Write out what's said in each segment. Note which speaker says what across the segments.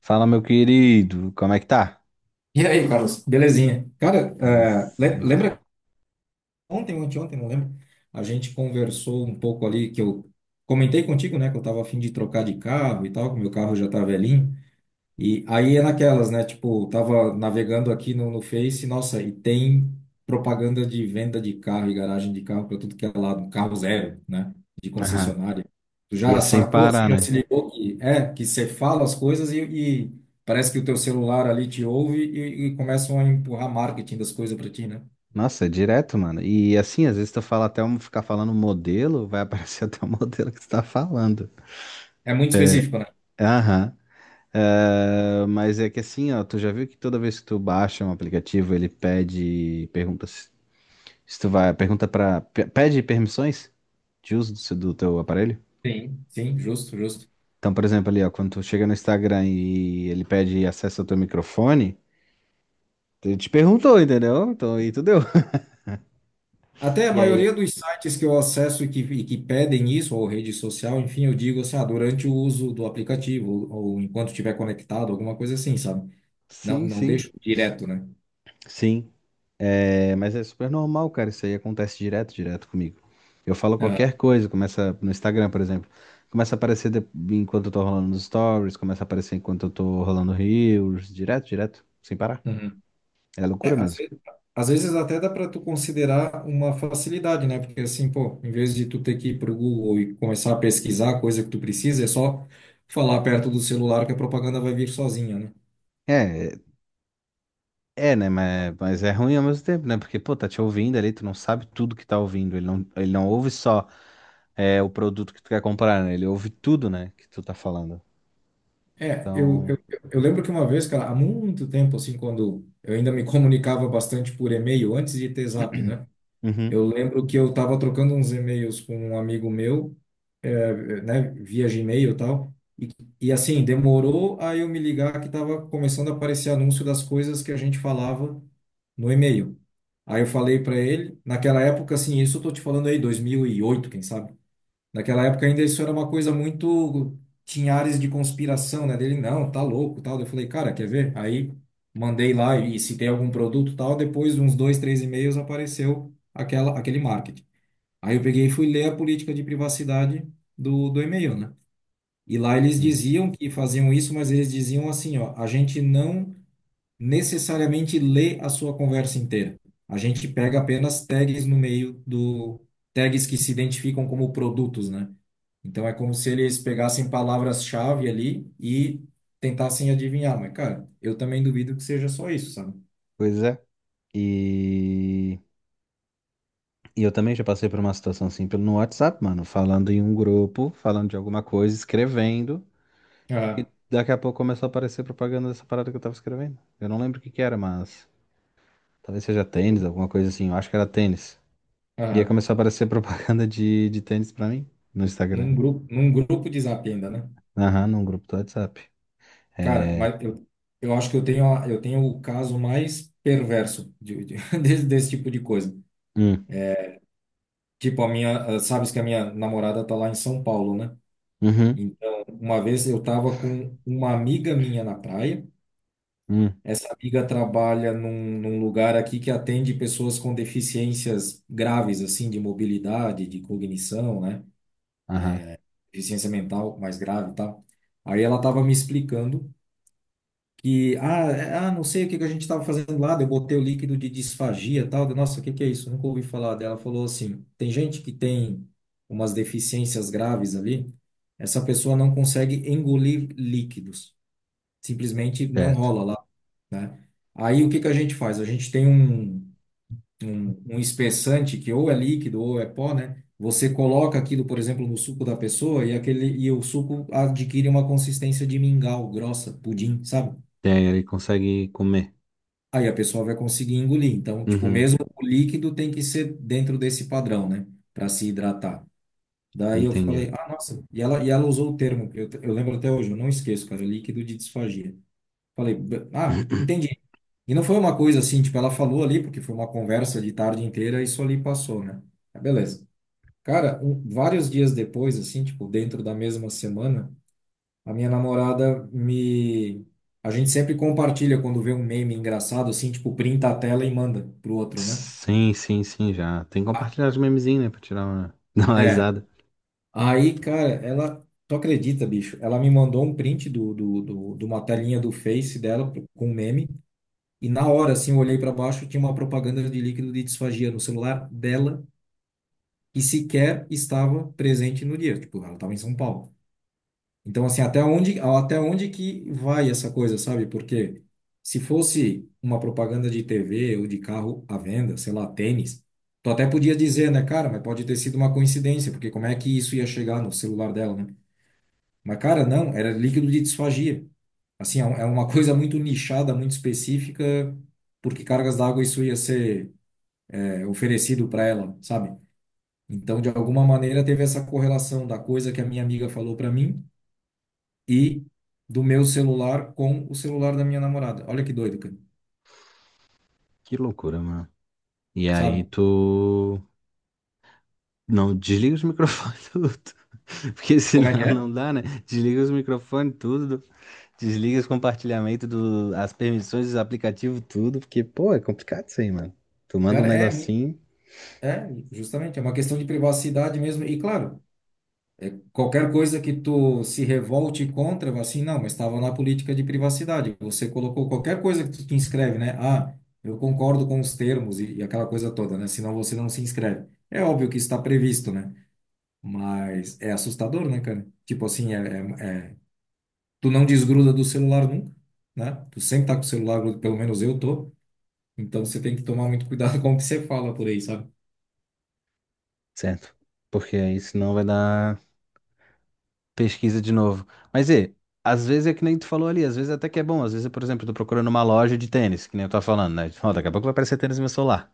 Speaker 1: Fala, meu querido, como é que tá?
Speaker 2: E aí, Carlos, belezinha? Cara,
Speaker 1: Belezinha.
Speaker 2: lembra ontem, não lembro? A gente conversou um pouco ali que eu comentei contigo, né? Que eu tava a fim de trocar de carro e tal, que meu carro já tá velhinho. E aí é naquelas, né? Tipo, tava navegando aqui no Face, nossa, e tem propaganda de venda de carro e garagem de carro para tudo que é lado, carro zero, né? De
Speaker 1: Aham.
Speaker 2: concessionária. Tu
Speaker 1: E é
Speaker 2: já
Speaker 1: sem
Speaker 2: sacou assim,
Speaker 1: parar,
Speaker 2: já se
Speaker 1: né?
Speaker 2: ligou que é, que você fala as coisas e parece que o teu celular ali te ouve e começam a empurrar marketing das coisas para ti, né?
Speaker 1: Nossa, é direto, mano. E assim, às vezes tu fala até um, ficar falando um modelo, vai aparecer até o modelo que tu tá falando.
Speaker 2: É muito específico, né?
Speaker 1: Aham. É, mas é que assim, ó, tu já viu que toda vez que tu baixa um aplicativo, ele pede, pergunta se tu vai, pergunta pra, pede permissões de uso do teu aparelho?
Speaker 2: Sim, sim, justo, justo.
Speaker 1: Então, por exemplo, ali, ó, quando tu chega no Instagram e ele pede acesso ao teu microfone. Ele te perguntou, entendeu? Então aí tu deu.
Speaker 2: Até a
Speaker 1: E aí,
Speaker 2: maioria dos sites que eu acesso e que pedem isso, ou rede social, enfim, eu digo assim, ah, durante o uso do aplicativo, ou enquanto estiver conectado, alguma coisa assim, sabe? Não,
Speaker 1: sim,
Speaker 2: não
Speaker 1: sim,
Speaker 2: deixo direto, né?
Speaker 1: sim. É, mas é super normal, cara. Isso aí acontece direto, direto comigo. Eu falo
Speaker 2: Ah,
Speaker 1: qualquer coisa, começa no Instagram, por exemplo. Começa a aparecer de- enquanto eu tô rolando nos stories, começa a aparecer enquanto eu tô rolando reels, direto, direto, sem parar.
Speaker 2: uhum.
Speaker 1: É
Speaker 2: É,
Speaker 1: loucura
Speaker 2: às
Speaker 1: mesmo.
Speaker 2: vezes, até dá para tu considerar uma facilidade, né? Porque assim, pô, em vez de tu ter que ir pro Google e começar a pesquisar a coisa que tu precisa, é só falar perto do celular que a propaganda vai vir sozinha, né?
Speaker 1: É, é, né? Mas é ruim ao mesmo tempo, né? Porque, pô, tá te ouvindo ali, tu não sabe tudo que tá ouvindo. Ele não ouve só, é, o produto que tu quer comprar, né? Ele ouve tudo, né, que tu tá falando.
Speaker 2: É,
Speaker 1: Então,
Speaker 2: eu lembro que uma vez, cara, há muito tempo, assim, quando eu ainda me comunicava bastante por e-mail, antes de ter Zap, né?
Speaker 1: Uhum.
Speaker 2: Eu lembro que eu tava trocando uns e-mails com um amigo meu, é, né, via Gmail e tal, e assim, demorou a eu me ligar que tava começando a aparecer anúncio das coisas que a gente falava no e-mail. Aí eu falei para ele, naquela época, assim, isso eu tô te falando aí, 2008, quem sabe? Naquela época ainda isso era uma coisa muito. Tinha áreas de conspiração, né? Dele, não, tá louco, tal. Eu falei, cara, quer ver? Aí mandei lá e se tem algum produto, tal. Depois de uns dois, três e-mails apareceu aquela, aquele marketing. Aí eu peguei e fui ler a política de privacidade do e-mail, né? E lá eles
Speaker 1: Sim.
Speaker 2: diziam que faziam isso, mas eles diziam assim, ó, a gente não necessariamente lê a sua conversa inteira. A gente pega apenas tags no meio do tags que se identificam como produtos, né? Então é como se eles pegassem palavras-chave ali e tentassem adivinhar, mas cara, eu também duvido que seja só isso, sabe?
Speaker 1: Pois é. E, e eu também já passei por uma situação assim pelo no WhatsApp, mano, falando em um grupo, falando de alguma coisa, escrevendo.
Speaker 2: Aham,
Speaker 1: Daqui a pouco começou a aparecer propaganda dessa parada que eu tava escrevendo. Eu não lembro o que que era, mas talvez seja tênis, alguma coisa assim. Eu acho que era tênis. E aí
Speaker 2: aham.
Speaker 1: começou a aparecer propaganda de tênis pra mim no Instagram.
Speaker 2: Num grupo de Zap ainda, né?
Speaker 1: Aham, num grupo do WhatsApp.
Speaker 2: Cara,
Speaker 1: É.
Speaker 2: mas eu acho que eu tenho o caso mais perverso de- desse, desse tipo de coisa.
Speaker 1: Hum,
Speaker 2: Tipo, a minha, ah, sabes que a minha namorada tá lá em São Paulo, né?
Speaker 1: uhum,
Speaker 2: Então, uma vez eu estava com uma amiga minha na praia.
Speaker 1: hum,
Speaker 2: Essa amiga trabalha num lugar aqui que atende pessoas com deficiências graves, assim, de mobilidade, de cognição, né?
Speaker 1: aham,
Speaker 2: Deficiência mental mais grave e tal. Aí ela estava me explicando que, ah, não sei o que que a gente estava fazendo lá, daí eu botei o líquido de disfagia e tal. Eu, nossa, o que que é isso? Nunca ouvi falar dela. Ela falou assim: tem gente que tem umas deficiências graves ali, essa pessoa não consegue engolir líquidos, simplesmente não
Speaker 1: certo.
Speaker 2: rola lá, né? Aí o que que a gente faz? A gente tem um espessante que ou é líquido ou é pó, né? Você coloca aquilo, por exemplo, no suco da pessoa e aquele e o suco adquire uma consistência de mingau, grossa, pudim, sabe?
Speaker 1: E aí ele consegue comer.
Speaker 2: Aí a pessoa vai conseguir engolir. Então, tipo,
Speaker 1: Uhum,
Speaker 2: mesmo o líquido tem que ser dentro desse padrão, né? Para se hidratar. Daí eu
Speaker 1: entendi.
Speaker 2: falei, ah, nossa, e ela usou o termo, eu lembro até hoje, eu não esqueço, cara, líquido de disfagia. Falei, entendi." E não foi uma coisa assim, tipo, ela falou ali, porque foi uma conversa de tarde inteira e isso ali passou, né? Mas beleza. Cara, um- vários dias depois, assim, tipo, dentro da mesma semana, a minha namorada me. A gente sempre compartilha quando vê um meme engraçado, assim, tipo, printa a tela e manda pro outro, né?
Speaker 1: Sim, sim, sim, já. Tem que
Speaker 2: Ah,
Speaker 1: compartilhar os memezinhos, né? Pra tirar uma, dar uma
Speaker 2: é.
Speaker 1: risada.
Speaker 2: Aí, cara, ela. Tu acredita, bicho? Ela me mandou um print de uma telinha do Face dela com um meme. E na hora, assim, eu olhei para baixo, tinha uma propaganda de líquido de disfagia no celular dela e sequer estava presente no dia. Tipo, ela estava em São Paulo. Então, assim, até onde que vai essa coisa, sabe? Porque se fosse uma propaganda de TV ou de carro à venda, sei lá, tênis, tu até podia dizer, né, cara, mas pode ter sido uma coincidência, porque como é que isso ia chegar no celular dela, né? Mas, cara, não, era líquido de disfagia. Assim, é uma coisa muito nichada, muito específica, porque cargas d'água isso ia ser oferecido para ela, sabe? Então, de alguma maneira, teve essa correlação da coisa que a minha amiga falou para mim e do meu celular com o celular da minha namorada. Olha que doido, cara.
Speaker 1: Que loucura, mano. E aí
Speaker 2: Sabe?
Speaker 1: tu. Não, desliga os microfones tudo. Porque
Speaker 2: Como é que
Speaker 1: senão
Speaker 2: é?
Speaker 1: não dá, né? Desliga os microfones tudo. Desliga os compartilhamentos, as permissões dos aplicativos, tudo. Porque, pô, é complicado isso aí, mano. Tu manda um
Speaker 2: Cara,
Speaker 1: negocinho,
Speaker 2: é, justamente, é uma questão de privacidade mesmo. E claro, qualquer coisa que tu se revolte contra, vai assim, não, mas estava na política de privacidade. Você colocou qualquer coisa que tu te inscreve, né? Ah, eu concordo com os termos e aquela coisa toda, né? Senão você não se inscreve. É óbvio que está previsto, né? Mas é assustador, né, cara? Tipo assim, é- é- tu não desgruda do celular nunca, né? Tu sempre tá com o celular, grudo, pelo menos eu tô. Então você tem que tomar muito cuidado com o que você fala por aí, sabe?
Speaker 1: certo? Porque aí senão vai dar pesquisa de novo. Mas e, às vezes é que nem tu falou ali, às vezes até que é bom. Às vezes, por exemplo, eu tô procurando uma loja de tênis, que nem eu tava falando, né? Ó, daqui a pouco vai aparecer tênis no meu celular.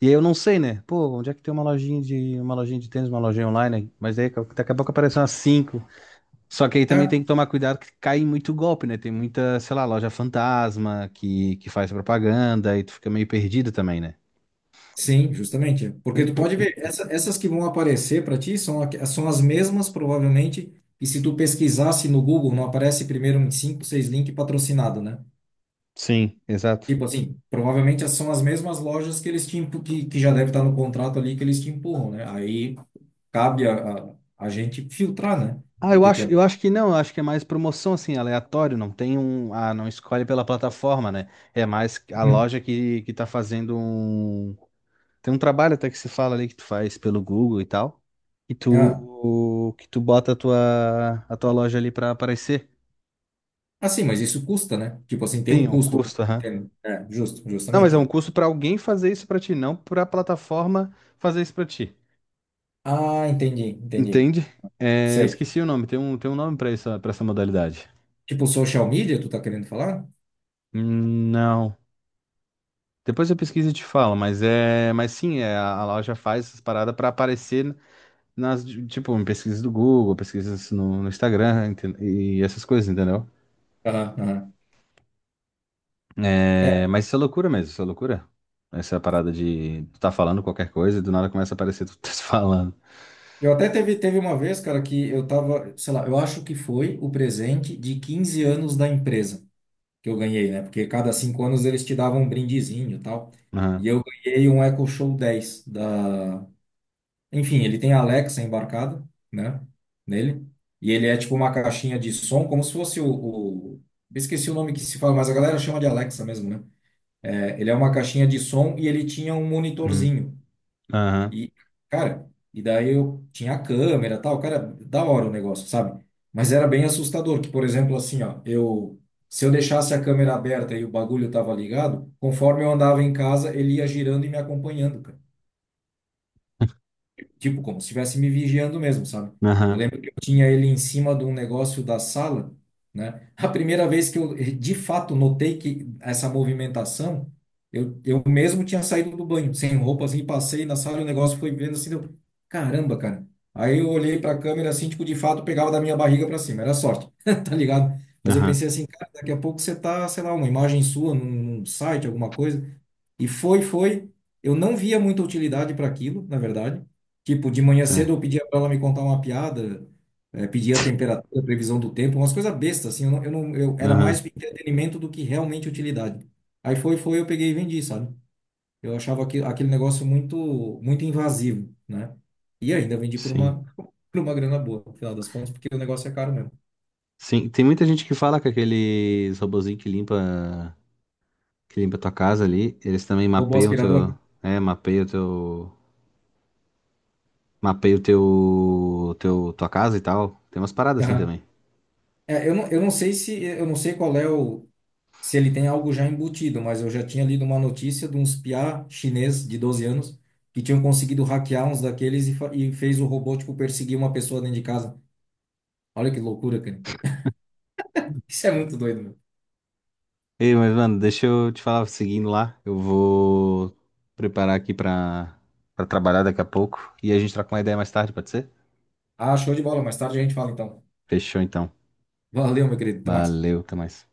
Speaker 1: E aí eu não sei, né? Pô, onde é que tem uma lojinha de tênis, uma lojinha online, né? Mas aí daqui a pouco aparecem umas cinco. Só que aí também tem
Speaker 2: É.
Speaker 1: que tomar cuidado que cai em muito golpe, né? Tem muita, sei lá, loja fantasma que faz propaganda e tu fica meio perdido também, né?
Speaker 2: Sim, justamente. Porque tu pode ver, essas que vão aparecer para ti são, aqu- são as mesmas, provavelmente. E se tu pesquisasse no Google, não aparece primeiro uns 5, 6 links patrocinado, né?
Speaker 1: Sim, exato.
Speaker 2: Tipo assim, provavelmente são as mesmas lojas que eles te empu- que já deve estar no contrato ali que eles te empurram, né? Aí cabe a gente filtrar, né?
Speaker 1: Ah,
Speaker 2: O
Speaker 1: eu
Speaker 2: que que
Speaker 1: acho,
Speaker 2: é.
Speaker 1: eu acho que não, eu acho que é mais promoção assim, aleatório, não tem um, não escolhe pela plataforma, né? É mais a
Speaker 2: Hum.
Speaker 1: loja que tá fazendo tem um trabalho até que se fala ali que tu faz pelo Google e tal, e
Speaker 2: Ah,
Speaker 1: tu que tu bota a tua loja ali pra aparecer.
Speaker 2: assim, mas isso custa, né? Tipo assim, tem
Speaker 1: Sim,
Speaker 2: um
Speaker 1: é um
Speaker 2: custo.
Speaker 1: custo, aham.
Speaker 2: Entende? É, justo,
Speaker 1: Não, mas
Speaker 2: justamente,
Speaker 1: é um
Speaker 2: né?
Speaker 1: custo pra alguém fazer isso pra ti, não pra plataforma fazer isso pra ti.
Speaker 2: Ah, entendi, entendi.
Speaker 1: Entende? É, eu
Speaker 2: Sei.
Speaker 1: esqueci o nome, tem um nome pra isso, para essa modalidade.
Speaker 2: Tipo social media, tu tá querendo falar?
Speaker 1: Não. Depois eu pesquiso e te falo, mas é, mas sim, é, a loja faz essas paradas para aparecer tipo, em pesquisas do Google, pesquisas no Instagram e essas coisas, entendeu?
Speaker 2: Aham, aham.
Speaker 1: É,
Speaker 2: É,
Speaker 1: mas isso é loucura mesmo, isso é loucura. Essa parada de tu tá falando qualquer coisa e do nada começa a aparecer tu tá falando.
Speaker 2: eu até teve uma vez, cara, que eu tava, sei lá, eu acho que foi o presente de 15 anos da empresa que eu ganhei, né? Porque cada 5 anos eles te davam um brindezinho e tal.
Speaker 1: Aham,
Speaker 2: E eu ganhei um Echo Show 10 da. Enfim, ele tem a Alexa embarcada, né? Nele. E ele é tipo uma caixinha de som, como se fosse eu esqueci o nome que se fala, mas a galera chama de Alexa mesmo, né? É, ele é uma caixinha de som e ele tinha um
Speaker 1: uhum,
Speaker 2: monitorzinho.
Speaker 1: aham,
Speaker 2: E, cara, e daí eu tinha a câmera e tal, cara, da hora o negócio, sabe? Mas era bem assustador, que, por exemplo, assim, ó, eu, se eu deixasse a câmera aberta e o bagulho tava ligado, conforme eu andava em casa, ele ia girando e me acompanhando, cara. Tipo, como se estivesse me vigiando mesmo, sabe? Eu
Speaker 1: aham,
Speaker 2: lembro que eu tinha ele em cima de um negócio da sala, né? A primeira vez que eu, de fato, notei que essa movimentação, eu mesmo tinha saído do banho, sem roupa, assim, passei na sala e o negócio foi vendo assim, eu, caramba, cara. Aí eu olhei para a câmera assim, tipo, de fato, pegava da minha barriga para cima, era sorte, tá ligado? Mas eu
Speaker 1: aham,
Speaker 2: pensei assim, cara, daqui a pouco você tá, sei lá, uma imagem sua num site, alguma coisa. E foi. Eu não via muita utilidade para aquilo, na verdade. Tipo, de manhã cedo
Speaker 1: certo,
Speaker 2: eu pedia pra ela me contar uma piada, eh, pedia a temperatura, a previsão do tempo, umas coisas bestas, assim, eu não, eu não, eu era mais
Speaker 1: aham,
Speaker 2: entretenimento do que realmente utilidade. Aí foi, foi, eu peguei e vendi, sabe? Eu achava aquilo, aquele negócio muito, muito invasivo, né? E ainda vendi por
Speaker 1: sim.
Speaker 2: uma, por uma grana boa, no final das contas, porque o negócio é caro mesmo.
Speaker 1: Sim, tem muita gente que fala que aqueles robozinho que limpa tua casa ali, eles também
Speaker 2: Robô
Speaker 1: mapeiam teu,
Speaker 2: aspirador?
Speaker 1: é, Mapei o tua casa e tal. Tem umas paradas assim
Speaker 2: Aham.
Speaker 1: também.
Speaker 2: É, eu não sei se, eu não sei qual é o, se ele tem algo já embutido, mas eu já tinha lido uma notícia de uns piá chinês de 12 anos que tinham conseguido hackear uns daqueles e fez o robô, tipo, perseguir uma pessoa dentro de casa. Olha que loucura, cara. Isso é muito doido, meu.
Speaker 1: Ei, mas, mano, deixa eu te falar, seguindo lá, eu vou preparar aqui pra trabalhar daqui a pouco. E a gente troca uma ideia mais tarde, pode ser?
Speaker 2: Ah, show de bola. Mais tarde a gente fala, então.
Speaker 1: Fechou, então.
Speaker 2: Valeu, meu querido. Até mais.
Speaker 1: Valeu, até mais.